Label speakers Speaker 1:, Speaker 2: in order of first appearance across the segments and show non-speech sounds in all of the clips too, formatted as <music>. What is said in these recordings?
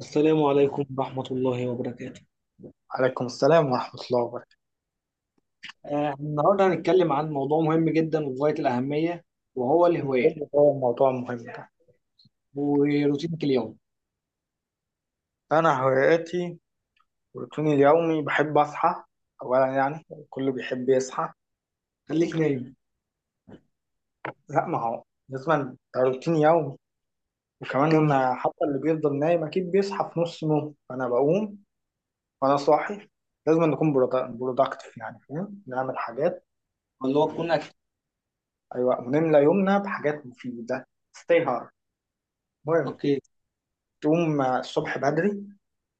Speaker 1: السلام عليكم ورحمة الله وبركاته.
Speaker 2: عليكم السلام ورحمة الله وبركاته.
Speaker 1: النهاردة هنتكلم عن موضوع مهم جدا وغاية الأهمية، وهو الهوايات
Speaker 2: برضه هو الموضوع مهم ده.
Speaker 1: وروتينك اليوم.
Speaker 2: أنا هواياتي، روتيني اليومي بحب أصحى. أولا يعني كله بيحب يصحى.
Speaker 1: خليك نايم.
Speaker 2: لا ما هو، لازم ده روتين يومي. وكمان
Speaker 1: كمل.
Speaker 2: حتى اللي بيفضل نايم أكيد بيصحى في نص نوم، فأنا بقوم. وأنا صاحي لازم نكون برودكتيف، يعني فاهم، نعمل حاجات.
Speaker 1: اللي هو
Speaker 2: ون-
Speaker 1: تكون أكتف.
Speaker 2: أيوة، ونملى يومنا بحاجات مفيدة. ستي هارد. المهم،
Speaker 1: أوكي.
Speaker 2: تقوم الصبح بدري،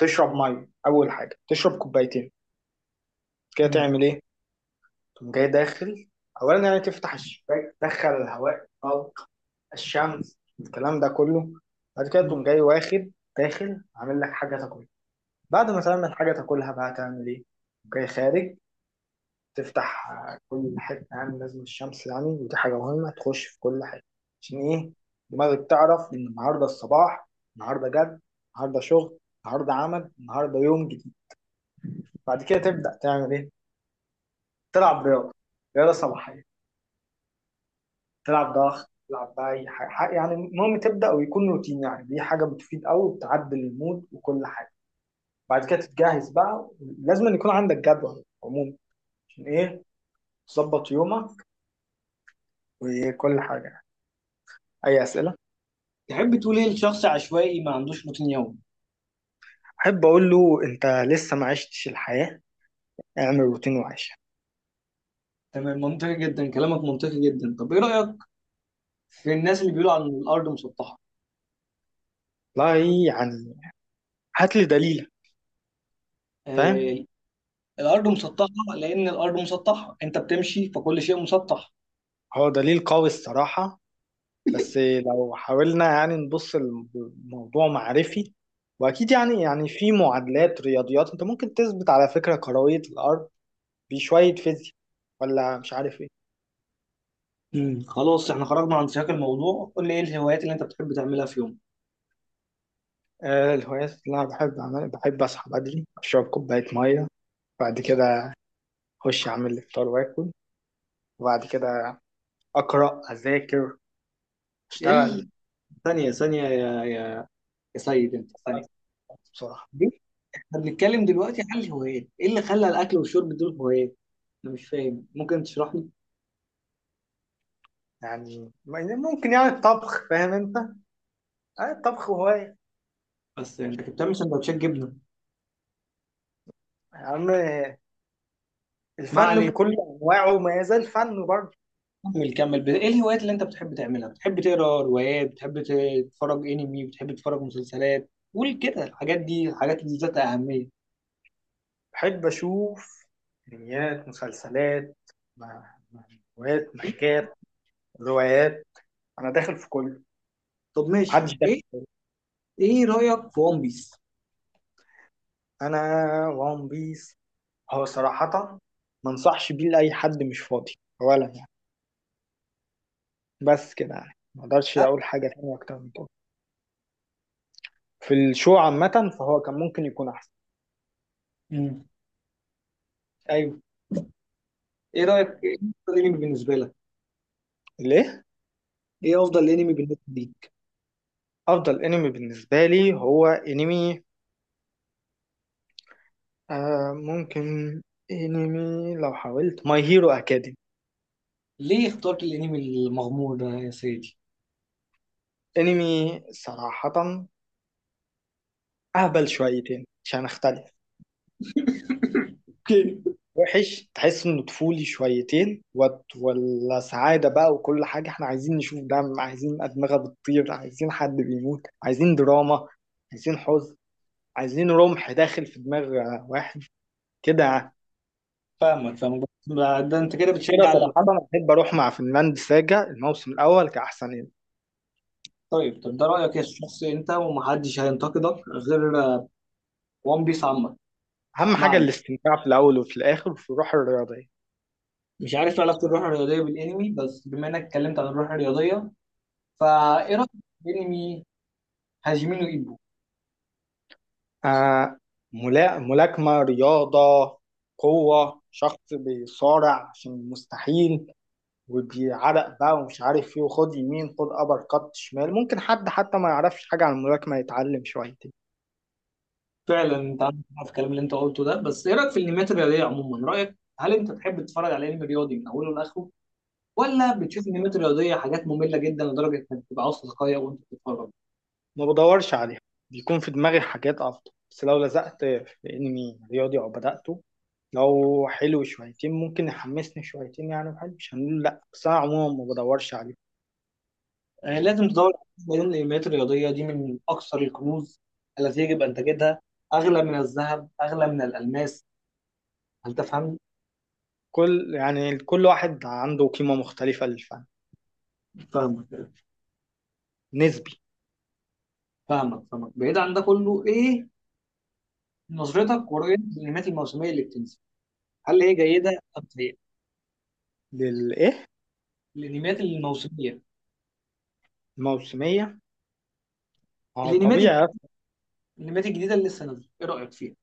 Speaker 2: تشرب مية، أول حاجة تشرب كوبايتين. كده
Speaker 1: مم.
Speaker 2: تعمل إيه؟ تقوم جاي داخل، اولا يعني تفتح الشباك، تدخل الهواء طلق، الشمس، الكلام ده كله. بعد كده تقوم
Speaker 1: مم.
Speaker 2: جاي واخد داخل، عامل لك حاجه تاكلها. بعد ما تعمل حاجه تاكلها، بقى تعمل ايه؟ تقوم جاي خارج، تفتح كل حته، يعني لازم الشمس، يعني ودي حاجه مهمه تخش في كل حته. عشان ايه؟ دماغك تعرف ان النهارده الصباح، النهارده جد، النهارده شغل، النهارده عمل، النهارده يوم جديد. بعد كده تبدا تعمل ايه؟ تلعب رياضه، رياضه صباحيه، تلعب ضغط، تلعب بقى اي حاجه يعني. المهم تبدا ويكون روتين، يعني دي حاجه بتفيد قوي، وبتعدل المود وكل حاجه. بعد كده تتجهز بقى. لازم أن يكون عندك جدول عموما. عشان ايه؟ تظبط يومك وكل حاجه يعني. اي اسئله؟
Speaker 1: تحب تقول إيه لشخص عشوائي ما عندوش روتين يومي؟
Speaker 2: احب اقول له انت لسه ما عشتش الحياه، اعمل روتين وعيشها.
Speaker 1: تمام، منطقي جدا، كلامك منطقي جدا. طب إيه رأيك في الناس اللي بيقولوا عن الأرض مسطحة؟
Speaker 2: لا، يعني هات لي دليل. فاهم.
Speaker 1: آه، الأرض مسطحة، لأن الأرض مسطحة أنت بتمشي فكل شيء مسطح.
Speaker 2: هو دليل قوي الصراحه، بس لو حاولنا يعني نبص الموضوع معرفي، واكيد يعني في معادلات رياضيات انت ممكن تثبت على فكره كرويه الارض، بشويه فيزياء ولا مش عارف ايه.
Speaker 1: مم. خلاص، احنا خرجنا عن سياق الموضوع، قول لي ايه الهوايات اللي انت بتحب تعملها في يومك؟
Speaker 2: الهوايات اللي انا بحب اعملها، بحب اصحى بدري، اشرب كوبايه ميه. بعد كده اخش اعمل الفطار واكل. وبعد كده اقرا، اذاكر، اشتغل.
Speaker 1: ال- ثانية ثانية، يا يا يا سيد، انت ثانية
Speaker 2: بصراحه،
Speaker 1: دي. احنا بنتكلم دلوقتي عن الهوايات، ايه اللي خلى الاكل والشرب دول هوايات؟ انا مش فاهم، ممكن تشرح لي؟
Speaker 2: يعني ممكن يعني الطبخ، فاهم انت، الطبخ هوايه.
Speaker 1: بس انت كنت بتعمل سندوتشات جبنة.
Speaker 2: يعني
Speaker 1: ما
Speaker 2: الفن
Speaker 1: علينا،
Speaker 2: بكل انواعه ما يزال فن برضه.
Speaker 1: كمل كمل، ايه الهوايات اللي انت بتحب تعملها؟ بتحب تقرا روايات؟ بتحب تتفرج انمي؟ بتحب تتفرج مسلسلات؟ قول كده الحاجات دي، الحاجات اللي ذات اهمية.
Speaker 2: بحب اشوف انميات، مسلسلات، م- مانجوات،
Speaker 1: إيه؟
Speaker 2: مانجات، روايات. انا داخل في كله.
Speaker 1: طب ماشي،
Speaker 2: محدش داخل.
Speaker 1: ايه رأيك في ون بيس؟
Speaker 2: انا وان بيس، هو صراحة ما انصحش بيه لاي حد، مش فاضي اولا يعني. بس كده يعني ما اقدرش اقول حاجة تانية اكتر من كده. في الشو عامة فهو كان ممكن يكون احسن.
Speaker 1: امم ايوه. ايه رأيك، ايه افضل انمي بالنسبة لك؟
Speaker 2: ليه؟
Speaker 1: ايه افضل انمي بالنسبة لي؟
Speaker 2: افضل انمي بالنسبة لي هو انمي، ممكن انمي لو حاولت ماي هيرو اكاديمي.
Speaker 1: ليه اخترت الانمي المغمور ده يا سيدي؟
Speaker 2: انمي صراحة اهبل شويتين عشان اختلف،
Speaker 1: اوكي.
Speaker 2: وحش، تحس انه طفولي شويتين، وات ولا سعاده بقى وكل حاجه، احنا عايزين نشوف دم، عايزين ادمغه بتطير، عايزين حد بيموت، عايزين دراما، عايزين حزن، عايزين رمح داخل في دماغ واحد، كده يعني.
Speaker 1: فاهمك فاهمك، بس ده انت كده
Speaker 2: عشان كده
Speaker 1: بتشجع
Speaker 2: صراحه انا بحب اروح مع فنلاند ساجا الموسم الاول كاحسن يعني.
Speaker 1: طيب طب ده رايك يا شخص، انت ومحدش هينتقدك، غير وان بيس عامه.
Speaker 2: اهم
Speaker 1: ما
Speaker 2: حاجه
Speaker 1: عليك،
Speaker 2: الاستمتاع، في الاول وفي الاخر وفي الروح الرياضيه.
Speaker 1: مش عارف علاقه الروح الرياضيه بالانمي، بس بما انك اتكلمت عن الروح الرياضيه، فايه رايك في انمي هاجيمينو ايبو؟
Speaker 2: آه ملاكمه، رياضه، قوه، شخص بيصارع عشان المستحيل، ودي عرق بقى ومش عارف ايه، وخد يمين، خد ابر كات شمال، ممكن حد حتى ما يعرفش حاجة عن الملاكمة يتعلم شويتين.
Speaker 1: فعلا انت عندك حق في الكلام اللي انت قلته ده، بس ايه رايك في الانميات الرياضيه عموما؟ رايك هل انت تحب تتفرج على انمي رياضي من اوله لاخره، ولا بتشوف انميات رياضيه حاجات ممله جدا لدرجه انك بتبقى عاوز تتقيأ وانت بتتفرج؟
Speaker 2: ما بدورش عليها، بيكون في دماغي حاجات افضل، بس لو لزقت في انمي رياضي او بدأته، لو حلو شويتين ممكن يحمسني شويتين يعني، وحلو مش هنقول لا، بس انا عموما ما بدورش عليه.
Speaker 1: يعني لازم تدور، لان الانميات الرياضيه دي من اكثر الكنوز التي يجب ان تجدها، اغلى من الذهب، اغلى من الالماس. هل تفهم؟
Speaker 2: كل يعني كل واحد عنده قيمة مختلفة للفن،
Speaker 1: فاهمك
Speaker 2: نسبي.
Speaker 1: فاهمك فاهمك، بعيد عن ده كله، ايه نظرتك ورؤيتك للانميات الموسميه اللي بتنزل؟ هل هي جيده ام سيئه؟
Speaker 2: للايه؟
Speaker 1: الانميات الموسميه،
Speaker 2: الموسمية؟ ما هو
Speaker 1: الانميات الج-
Speaker 2: طبيعي.
Speaker 1: الانميات الجديده اللي لسه نازله، ايه رايك فيها؟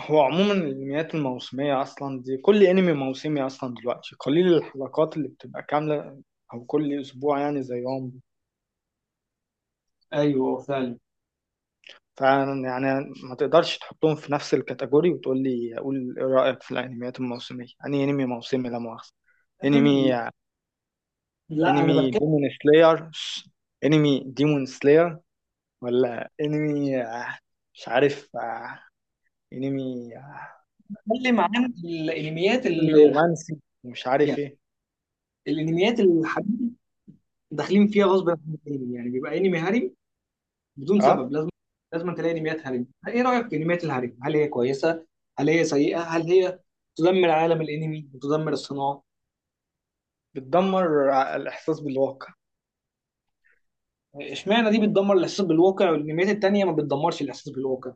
Speaker 2: هو عموما الانميات الموسمية اصلا دي، كل انمي موسمي اصلا دلوقتي قليل الحلقات اللي بتبقى كاملة، او كل اسبوع يعني زيهم.
Speaker 1: ايوه فعلا.
Speaker 2: فعلا يعني ما تقدرش تحطهم في نفس الكاتيجوري وتقول لي قول ايه رأيك في الانميات الموسمية؟ يعني انمي موسمي لا مؤاخذة، انمي
Speaker 1: لا لا، انا
Speaker 2: انمي ديمون سلاير، انمي ديمون سلاير، ولا انمي مش عارف انمي
Speaker 1: بتكلم عن الانميات
Speaker 2: انمي
Speaker 1: اللي،
Speaker 2: رومانسي، ومش عارف ايه.
Speaker 1: الانميات الحديثه داخلين فيها غصب عن الانمي. يعني بيبقى انمي هاري بدون
Speaker 2: اه،
Speaker 1: سبب، لازم تلاقي انميات هاري. ايه رايك في انميات الهاري، هل هي كويسه، هل هي سيئه، هل هي تدمر عالم الانمي وتدمر الصناعه؟
Speaker 2: بتدمر الإحساس بالواقع.
Speaker 1: اشمعنى دي بتدمر الاحساس بالواقع والانميات التانيه ما بتدمرش الاحساس بالواقع؟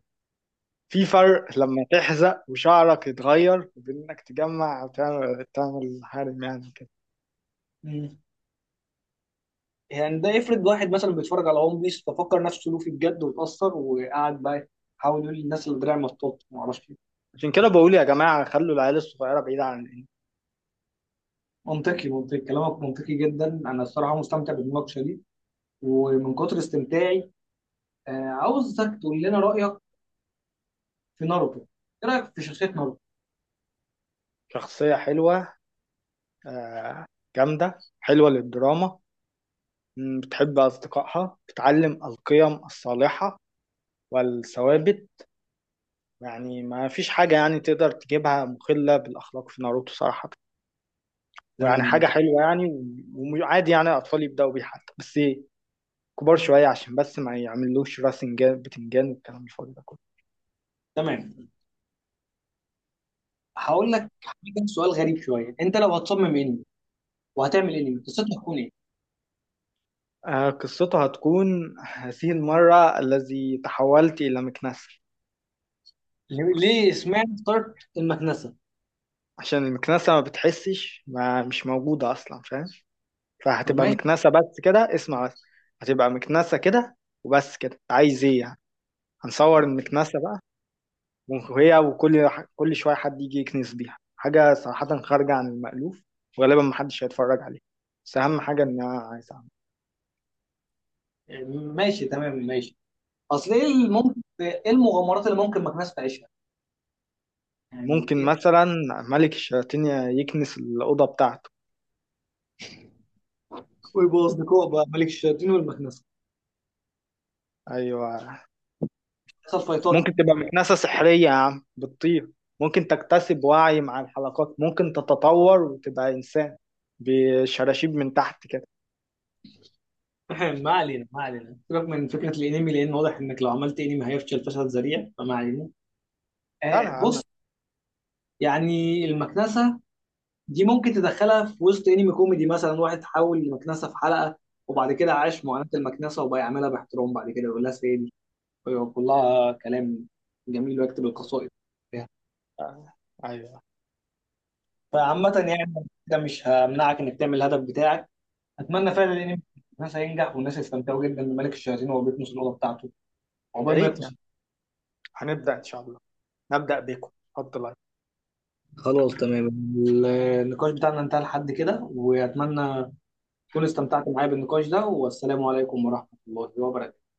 Speaker 2: في فرق لما تحزق وشعرك يتغير، وبين انك تجمع أو تعمل حارم يعني كده.
Speaker 1: مم. يعني ده افرض واحد مثلا بيتفرج على ون بيس ففكر نفسه لوفي بجد واتأثر وقعد بقى يحاول يقول للناس اللي دراعي مطاط، ما اعرفش.
Speaker 2: عشان كده
Speaker 1: إيه.
Speaker 2: بقول يا جماعة خلوا العيال الصغيرة بعيدة عن الإنمي.
Speaker 1: منطقي منطقي، كلامك منطقي جدا، انا الصراحه مستمتع بالمناقشه دي، ومن كتر استمتاعي آه، عاوزك تقول لنا رأيك في ناروتو. ايه رأيك في شخصية ناروتو؟
Speaker 2: شخصية حلوة، آه، جامدة، حلوة للدراما، بتحب أصدقائها، بتعلم القيم الصالحة والثوابت. يعني ما فيش حاجة يعني تقدر تجيبها مخلة بالأخلاق في ناروتو صراحة، ويعني
Speaker 1: تمام
Speaker 2: حاجة حلوة يعني. وعادي يعني الأطفال يبدأوا بيها حتى، بس كبار شوية، عشان بس ما يعملوش راسنجان بتنجان والكلام الفاضي ده كله.
Speaker 1: تمام. هقول لك حاجة، سؤال غريب شوية، انت لو هتصمم انمي وهتعمل انمي قصته هتكون ايه؟
Speaker 2: قصتها هتكون هذه المرة الذي تحولت إلى مكنسة.
Speaker 1: ليه ليه اسمها ستارت المكنسة؟
Speaker 2: عشان المكنسة ما بتحسش، ما مش موجودة أصلا، فاهم.
Speaker 1: طب
Speaker 2: فهتبقى
Speaker 1: ماشي.
Speaker 2: مكنسة، بس كده اسمع بس. هتبقى مكنسة كده، وبس كده عايز إيه يعني. هنصور المكنسة بقى وهي، وكل شوية حد يجي يكنس بيها حاجة، صراحة خارجة عن المألوف، وغالبا محدش هيتفرج عليها، بس أهم حاجة إن أنا عايز أعمل.
Speaker 1: ماشي تمام ماشي. اصل ايه اللي ممكن، ايه المغامرات اللي ممكن مكنسة تعيشها؟ يعني
Speaker 2: ممكن
Speaker 1: ايه؟
Speaker 2: مثلا ملك الشياطين يكنس الأوضة بتاعته.
Speaker 1: ويبقوا اصدقاء بقى ملك الشياطين والمكنسة؟
Speaker 2: أيوة.
Speaker 1: حصل فايتات.
Speaker 2: ممكن تبقى مكنسة سحرية يا عم، بتطير. ممكن تكتسب وعي مع الحلقات، ممكن تتطور وتبقى إنسان بشراشيب من تحت كده.
Speaker 1: <laughs> ما علينا ما علينا، سيبك من فكره الانمي، لان واضح انك لو عملت انمي هيفشل فشل ذريع، فما علينا.
Speaker 2: لا أنا
Speaker 1: آه
Speaker 2: يا عم.
Speaker 1: بص، يعني المكنسه دي ممكن تدخلها في وسط انمي كوميدي، مثلا واحد حول المكنسه في حلقه وبعد كده عاش معاناه المكنسه وبقى يعملها باحترام، بعد كده يقول لها سيدي ويقول لها كلام جميل ويكتب القصائد فيها.
Speaker 2: أيوة.
Speaker 1: فعامه يعني، ده مش همنعك انك تعمل الهدف بتاعك. اتمنى فعلا الانمي الناس هينجح والناس يستمتعوا جدا بملك الشياطين وهو بيكنس الاوضه بتاعته،
Speaker 2: يا
Speaker 1: عقبال ما
Speaker 2: ريت يعني.
Speaker 1: يكنس.
Speaker 2: هنبدأ إن شاء الله، نبدأ بيكم. اتفضل.
Speaker 1: خلاص تمام، النقاش بتاعنا انتهى لحد كده، واتمنى تكونوا استمتعتوا معايا بالنقاش ده. والسلام عليكم ورحمة الله وبركاته.